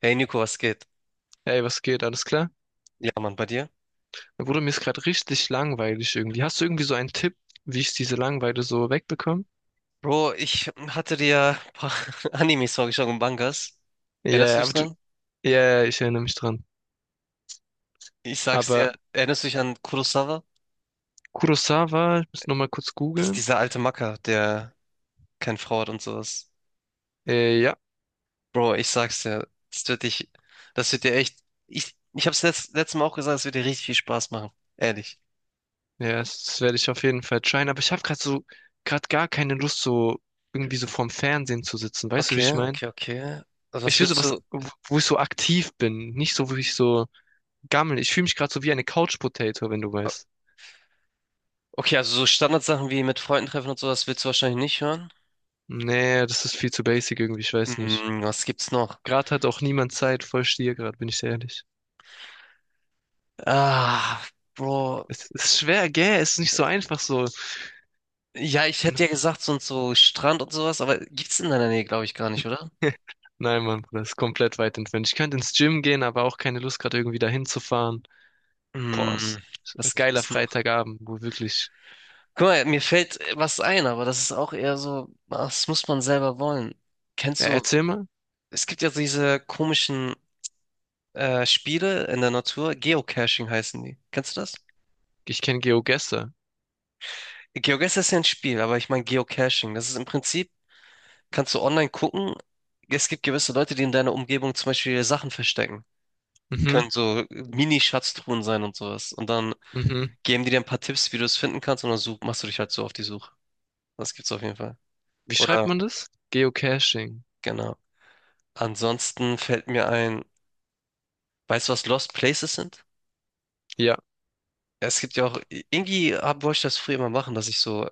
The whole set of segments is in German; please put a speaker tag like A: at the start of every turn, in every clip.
A: Hey Nico, was geht?
B: Ey, was geht? Alles klar?
A: Ja, Mann, bei dir?
B: Dann wurde mir ist gerade richtig langweilig irgendwie. Hast du irgendwie so einen Tipp, wie ich diese Langeweile so wegbekomme?
A: Bro, ich hatte dir ja ein paar Animes vorgeschlagen, und Mangas.
B: Ja,
A: Erinnerst du
B: ja,
A: dich
B: aber du,
A: dran?
B: ja, ja, ich erinnere mich dran.
A: Ich sag's
B: Aber
A: dir, erinnerst du dich an Kurosawa?
B: Kurosawa, ich muss nochmal kurz
A: Das ist
B: googeln.
A: dieser alte Macker, der keine Frau hat und sowas.
B: Ja,
A: Bro, ich sag's dir, das wird dich, das wird dir echt, ich hab's letzt, letztes Mal auch gesagt, es wird dir richtig viel Spaß machen. Ehrlich.
B: ja, das werde ich auf jeden Fall tryen. Aber ich habe gerade gar keine Lust, so irgendwie so vorm Fernsehen zu sitzen. Weißt du, wie
A: Okay,
B: ich meine?
A: okay, okay. Also
B: Ich
A: was
B: will so
A: würdest
B: was,
A: du,
B: wo ich so aktiv bin. Nicht so, wo ich so gammel. Ich fühle mich gerade so wie eine Couch Potato, wenn du weißt.
A: okay, also so Standardsachen wie mit Freunden treffen und sowas willst du wahrscheinlich nicht hören.
B: Nee, das ist viel zu basic irgendwie, ich weiß nicht.
A: Hm, was gibt's noch?
B: Gerade hat auch niemand Zeit, voll Stier gerade, bin ich sehr ehrlich.
A: Ah, Bro.
B: Es ist schwer, gell? Es ist nicht so einfach so.
A: Ja, ich hätte ja gesagt, so und so Strand und sowas, aber gibt's in deiner Nähe, glaube ich, gar nicht, oder?
B: Nein, Mann, Bruder, das ist komplett weit entfernt. Ich könnte ins Gym gehen, aber auch keine Lust, gerade irgendwie dahin zu fahren. Boah, es
A: Hm,
B: ist ein
A: was
B: geiler
A: gibt's noch?
B: Freitagabend, wo wirklich.
A: Guck mal, mir fällt was ein, aber das ist auch eher so, ah, das muss man selber wollen. Kennst
B: Ja,
A: du,
B: erzähl mal,
A: es gibt ja diese komischen Spiele in der Natur, Geocaching heißen die. Kennst du das?
B: ich kenne Geogesser.
A: GeoGuessr ist ja ein Spiel, aber ich meine Geocaching. Das ist im Prinzip, kannst du online gucken, es gibt gewisse Leute, die in deiner Umgebung zum Beispiel Sachen verstecken.
B: Mhm,
A: Können so Mini-Schatztruhen sein und sowas. Und dann
B: mhm.
A: geben die dir ein paar Tipps, wie du es finden kannst, und dann such, machst du dich halt so auf die Suche. Das gibt's auf jeden Fall.
B: Wie
A: Oder,
B: schreibt man das? Geocaching.
A: genau. Ansonsten fällt mir ein, weißt du, was Lost Places sind?
B: Ja,
A: Ja, es gibt ja auch, irgendwie hab- wollte ich das früher immer machen, dass ich so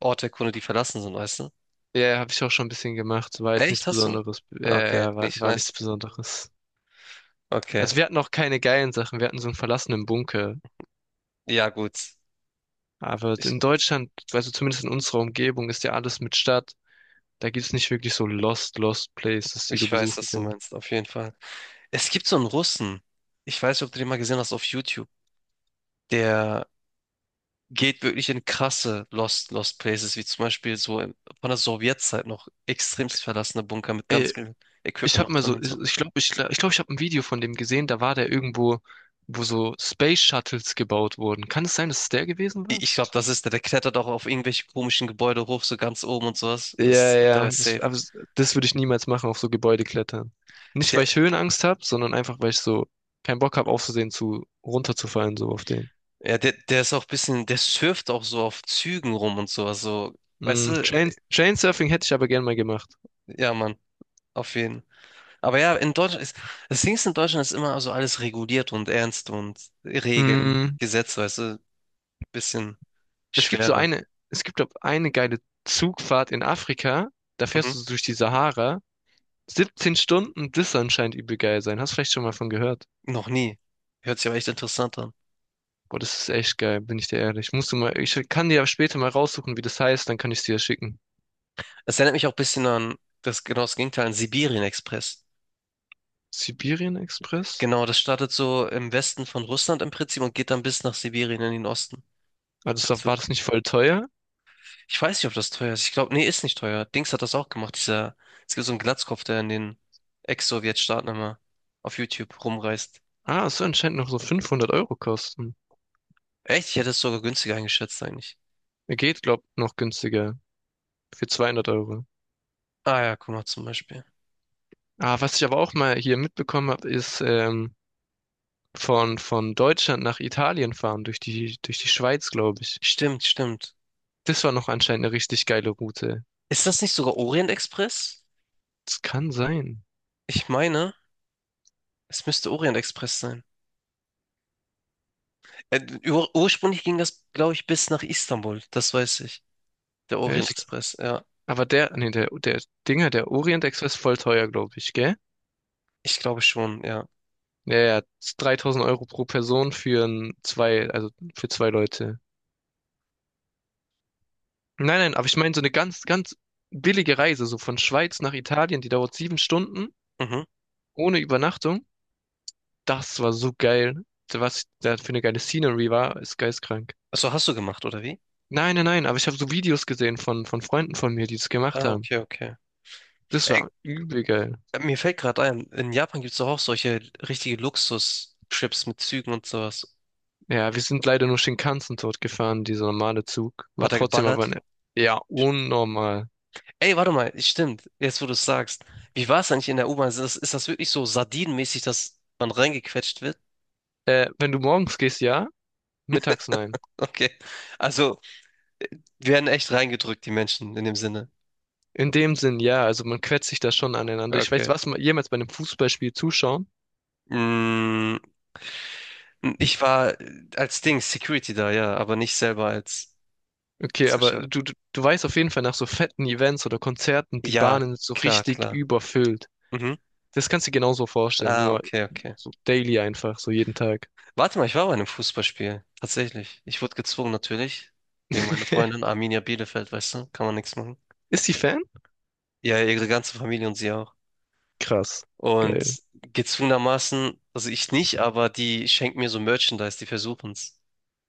A: Orte erkunde, die verlassen sind, weißt du?
B: ja, habe ich auch schon ein bisschen gemacht. War jetzt nichts
A: Echt, hast du?
B: Besonderes. Ja,
A: Okay,
B: ja, war,
A: nicht
B: war nichts
A: nice.
B: Besonderes.
A: Okay,
B: Also wir hatten auch keine geilen Sachen. Wir hatten so einen verlassenen Bunker.
A: ja gut.
B: Aber
A: Ich,
B: in Deutschland, also zumindest in unserer Umgebung, ist ja alles mit Stadt. Da gibt's nicht wirklich so Lost Places, die du
A: ich weiß,
B: besuchen
A: was du
B: kannst.
A: meinst, auf jeden Fall. Es gibt so einen Russen, ich weiß nicht, ob du den mal gesehen hast auf YouTube, der geht wirklich in krasse Lost Places, wie zum Beispiel so im- von der Sowjetzeit noch extremst verlassene Bunker mit ganz
B: Ey,
A: viel
B: ich
A: Equipment
B: hab
A: noch
B: mal
A: drin
B: so,
A: und
B: ich
A: so.
B: glaube, ich glaube, ich, glaub, ich, glaub, ich habe ein Video von dem gesehen, da war der irgendwo, wo so Space Shuttles gebaut wurden. Kann es sein, dass es der gewesen
A: I-
B: war?
A: Ich glaube, das ist der, der klettert auch auf irgendwelche komischen Gebäude hoch, so ganz oben und sowas.
B: Ja,
A: Das, da
B: ja,
A: ist safe.
B: das würde ich niemals machen, auf so Gebäude klettern. Nicht, weil
A: Der,
B: ich Höhenangst habe, sondern einfach, weil ich so keinen Bock habe, aufzusehen, zu runterzufallen, so auf den.
A: ja, der ist auch ein bisschen, der surft auch so auf Zügen rum und sowas, so, weißt du,
B: Trainsurfing hätte ich aber gern mal gemacht.
A: ja, Mann, auf jeden. Aber ja, in Deutschland ist, das Ding ist, in Deutschland ist immer so alles reguliert und ernst und Regeln,
B: Mm,
A: Gesetze, weißt du, bisschen schwerer.
B: Es gibt doch eine geile Zugfahrt in Afrika. Da
A: Mhm.
B: fährst du so durch die Sahara. 17 Stunden, das soll anscheinend übel geil sein. Hast vielleicht schon mal von gehört.
A: Noch nie. Hört sich aber echt interessant an.
B: Boah, das ist echt geil, bin ich dir ehrlich. Musst du mal, ich kann dir ja später mal raussuchen, wie das heißt, dann kann ich dir ja schicken.
A: Es erinnert mich auch ein bisschen an das genau das Gegenteil, an Sibirien-Express.
B: Sibirien Express?
A: Genau, das startet so im Westen von Russland im Prinzip und geht dann bis nach Sibirien in den Osten.
B: Ah, das
A: Der
B: war
A: Zug.
B: das nicht voll teuer?
A: Ich weiß nicht, ob das teuer ist. Ich glaube, nee, ist nicht teuer. Dings hat das auch gemacht. Dieser, es gibt so einen Glatzkopf, der in den Ex-Sowjetstaaten immer auf YouTube rumreist.
B: Ah, es soll anscheinend noch so 500 € kosten.
A: Echt? Ich hätte es sogar günstiger eingeschätzt eigentlich.
B: Geht, glaub, noch günstiger. Für 200 Euro.
A: Ah ja, guck mal zum Beispiel.
B: Ah, was ich aber auch mal hier mitbekommen habe, ist, von Deutschland nach Italien fahren, durch die Schweiz, glaube ich.
A: Stimmt, stimmt.
B: Das war noch anscheinend eine richtig geile Route.
A: Ist das nicht sogar Orient Express?
B: Das kann sein.
A: Ich meine, es müsste Orient Express sein. Ur ursprünglich ging das, glaube ich, bis nach Istanbul. Das weiß ich. Der Orient
B: Echt?
A: Express, ja.
B: Aber der Dinger, der Orient Express voll teuer, glaube ich, gell?
A: Ich glaube schon, ja.
B: Ja, ja, 3.000 € pro Person für ein, zwei, also für zwei Leute. Nein, nein, aber ich meine so eine ganz, ganz billige Reise, so von Schweiz nach Italien, die dauert 7 Stunden,
A: Mhm.
B: ohne Übernachtung. Das war so geil. Was da für eine geile Scenery war, ist geisteskrank.
A: Also hast du gemacht, oder wie?
B: Nein, nein, nein, aber ich habe so Videos gesehen von Freunden von mir, die das
A: Ah,
B: gemacht haben.
A: okay, okay.
B: Das
A: Ey,
B: war übel geil.
A: mir fällt gerade ein, in Japan gibt es doch auch solche richtige Luxus-Trips mit Zügen und sowas.
B: Ja, wir sind leider nur Shinkansen dort gefahren, dieser normale Zug.
A: Hat
B: War
A: er
B: trotzdem aber,
A: geballert?
B: ne, ja, unnormal.
A: Ey, warte mal, stimmt, jetzt wo du es sagst. Wie war es eigentlich in der U-Bahn? Ist das wirklich so sardinenmäßig, dass man reingequetscht wird?
B: Wenn du morgens gehst, ja, mittags nein.
A: Okay. Also, äh, werden echt reingedrückt, die Menschen, in dem Sinne.
B: In dem Sinn, ja, also man quetscht sich da schon aneinander. Ich weiß,
A: Okay.
B: was man jemals bei einem Fußballspiel zuschauen.
A: Mm, ich war als Ding Security da, ja, aber nicht selber als
B: Okay, aber
A: Zuschauer.
B: du weißt auf jeden Fall nach so fetten Events oder Konzerten, die
A: Ja,
B: Bahnen sind so
A: klar,
B: richtig
A: klar.
B: überfüllt.
A: Mhm.
B: Das kannst du dir genauso vorstellen,
A: Ah,
B: nur
A: okay, okay.
B: so daily einfach, so jeden Tag.
A: Warte mal, ich war bei einem Fußballspiel. Tatsächlich. Ich wurde gezwungen, natürlich. Wegen meiner Freundin Arminia Bielefeld, weißt du? Kann man nichts machen.
B: Ist sie Fan?
A: Ja, ihre ganze Familie und sie auch.
B: Krass. Geil.
A: Und gezwungenermaßen, also ich nicht, aber die schenken mir so Merchandise, die versuchen's.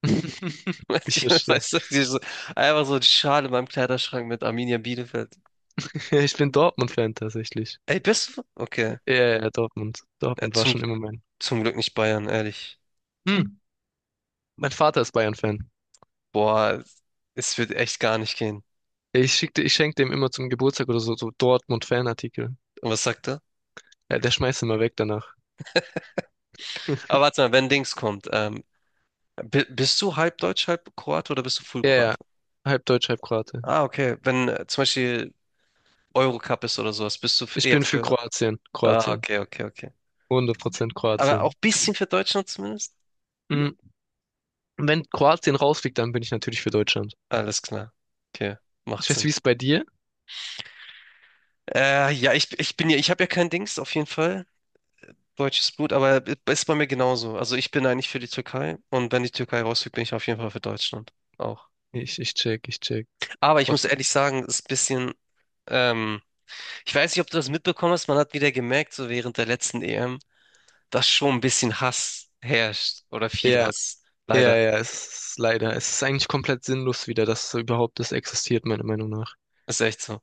B: Ich verstehe.
A: Weißt du, die so, einfach so eine Schale in meinem Kleiderschrank mit Arminia Bielefeld.
B: Ich bin Dortmund-Fan tatsächlich.
A: Ey, bist du?
B: Ja,
A: Okay.
B: ja, ja, Dortmund.
A: Ja,
B: Dortmund war
A: zum
B: schon immer mein.
A: zum Glück nicht Bayern, ehrlich.
B: Hm. Mein Vater ist Bayern-Fan.
A: Boah, es wird echt gar nicht gehen.
B: Ich schenke dem immer zum Geburtstag oder so, so Dortmund-Fanartikel.
A: Und was sagt er?
B: Ja, der schmeißt immer weg danach.
A: Aber warte mal, wenn Dings kommt, bi- bist du halb Deutsch, halb Kroate oder bist du Full
B: Ja, ja.
A: Kroate?
B: Halb Deutsch, halb Kroate.
A: Ah, okay. Wenn zum Beispiel Eurocup ist oder sowas, bist du f-
B: Ich
A: eher
B: bin für
A: für.
B: Kroatien.
A: Ah,
B: Kroatien.
A: okay, okay, okay.
B: 100%
A: Aber auch
B: Kroatien.
A: ein bisschen für Deutschland zumindest?
B: Mhm. Wenn Kroatien rausfliegt, dann bin ich natürlich für Deutschland.
A: Alles klar. Okay,
B: Ich
A: macht
B: weiß, wie
A: Sinn.
B: es bei dir?
A: Ja, ich bin ja, ich habe ja kein Dings, auf jeden Fall. Deutsches Blut, aber ist bei mir genauso. Also ich bin eigentlich für die Türkei und wenn die Türkei rausfliegt, bin ich auf jeden Fall für Deutschland auch.
B: Ich check, ich check.
A: Aber ich
B: What?
A: muss ehrlich sagen, ist ein bisschen, ähm, ich weiß nicht, ob du das mitbekommen hast, man hat wieder gemerkt, so während der letzten EM, dass schon ein bisschen Hass herrscht oder viel
B: Ja.
A: Hass.
B: Ja,
A: Leider.
B: ja, es ist leider. Es ist eigentlich komplett sinnlos wieder, dass so überhaupt das existiert, meiner Meinung nach.
A: Ist echt so.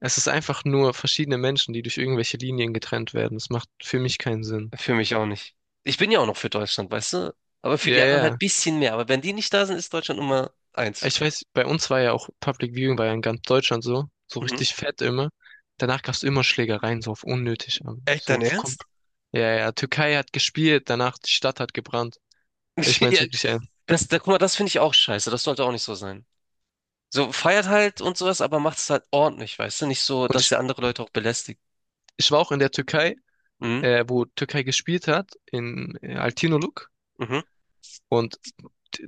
B: Es ist einfach nur verschiedene Menschen, die durch irgendwelche Linien getrennt werden. Das macht für mich keinen Sinn.
A: Für mich auch nicht. Ich bin ja auch noch für Deutschland, weißt du? Aber für
B: Ja,
A: die anderen halt ein
B: ja.
A: bisschen mehr. Aber wenn die nicht da sind, ist Deutschland Nummer eins.
B: Ich weiß, bei uns war ja auch Public Viewing war ja in ganz Deutschland so, so
A: Mhm.
B: richtig fett immer. Danach gab es immer Schlägereien, so auf unnötig, aber
A: Echt
B: so
A: dein
B: auf
A: Ernst?
B: komp. Ja, ja, Türkei hat gespielt, danach die Stadt hat gebrannt. Ich meine es
A: Ja,
B: wirklich ernst.
A: das, da, guck mal, das finde ich auch scheiße. Das sollte auch nicht so sein. So, feiert halt und sowas, aber macht es halt ordentlich, weißt du? Nicht so,
B: Und
A: dass
B: ich,
A: ihr andere Leute auch belästigt.
B: ich war auch in der Türkei,
A: Mhm.
B: wo Türkei gespielt hat, in Altinoluk.
A: Mhm.
B: Und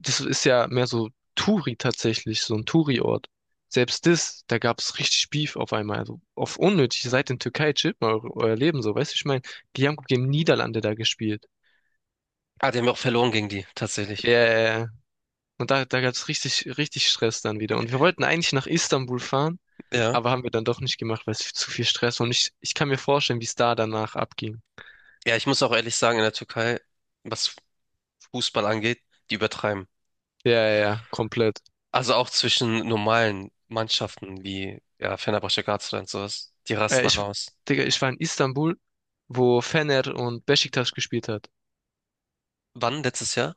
B: das ist ja mehr so Touri tatsächlich, so ein Touri-Ort. Selbst das, da gab es richtig Beef auf einmal. Also auf unnötig, ihr seid in Türkei, chillt mal euer Leben so, weißt du, ich meine, die haben gegen Niederlande da gespielt.
A: Ah, die haben wir auch verloren gegen die,
B: Ja,
A: tatsächlich.
B: ja, ja. Und da gab es richtig, richtig Stress dann wieder. Und wir wollten eigentlich nach Istanbul fahren,
A: Ja.
B: aber haben wir dann doch nicht gemacht, weil es zu viel Stress war. Und ich kann mir vorstellen, wie es da danach abging.
A: Ja, ich muss auch ehrlich sagen, in der Türkei, was Fußball angeht, die übertreiben.
B: Ja, ja, ja, komplett.
A: Also auch zwischen normalen Mannschaften wie ja, Fenerbahçe, Galatasaray und sowas. Die
B: Äh,
A: rasten alle
B: ich,
A: aus.
B: Digga, ich war in Istanbul, wo Fener und Beşiktaş gespielt hat.
A: Wann? Letztes Jahr?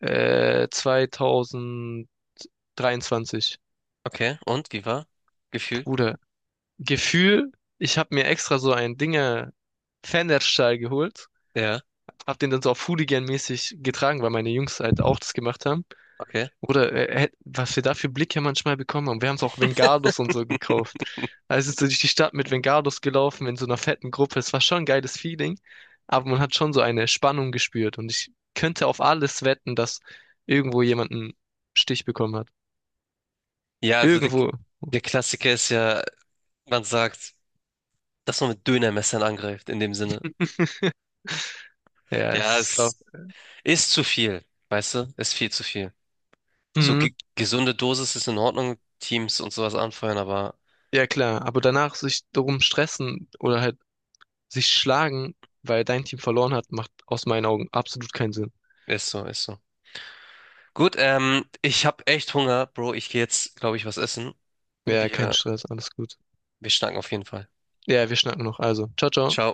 B: 2023.
A: Okay. Und? Wie war? Gefühl?
B: Bruder, Gefühl, ich habe mir extra so ein Dinger Fanerstall geholt.
A: Ja.
B: Hab den dann so auf Hooligan-mäßig getragen, weil meine Jungs halt auch das gemacht haben.
A: Okay.
B: Oder was wir da für Blicke manchmal bekommen haben. Wir haben es auch Vengados und so gekauft. Also sind so durch die Stadt mit Vengados gelaufen in so einer fetten Gruppe. Es war schon ein geiles Feeling, aber man hat schon so eine Spannung gespürt. Und ich könnte auf alles wetten, dass irgendwo jemand einen Stich bekommen hat.
A: Ja, also der,
B: Irgendwo.
A: der Klassiker ist ja, man sagt, dass man mit Dönermessern angreift, in dem Sinne.
B: Ja,
A: Ja,
B: es ist auch,
A: es ist zu viel, weißt du? Ist viel zu viel. So
B: mhm,
A: ge gesunde Dosis ist in Ordnung, Teams und sowas anfeuern, aber
B: ja klar, aber danach sich darum stressen oder halt sich schlagen, weil dein Team verloren hat, macht aus meinen Augen absolut keinen Sinn.
A: ist so, ist so. Gut, ich habe echt Hunger, Bro. Ich gehe jetzt, glaube ich, was essen.
B: Ja, kein
A: Wir,
B: Stress, alles gut.
A: wir schnacken auf jeden Fall.
B: Ja, wir schnacken noch. Also, ciao, ciao.
A: Ciao.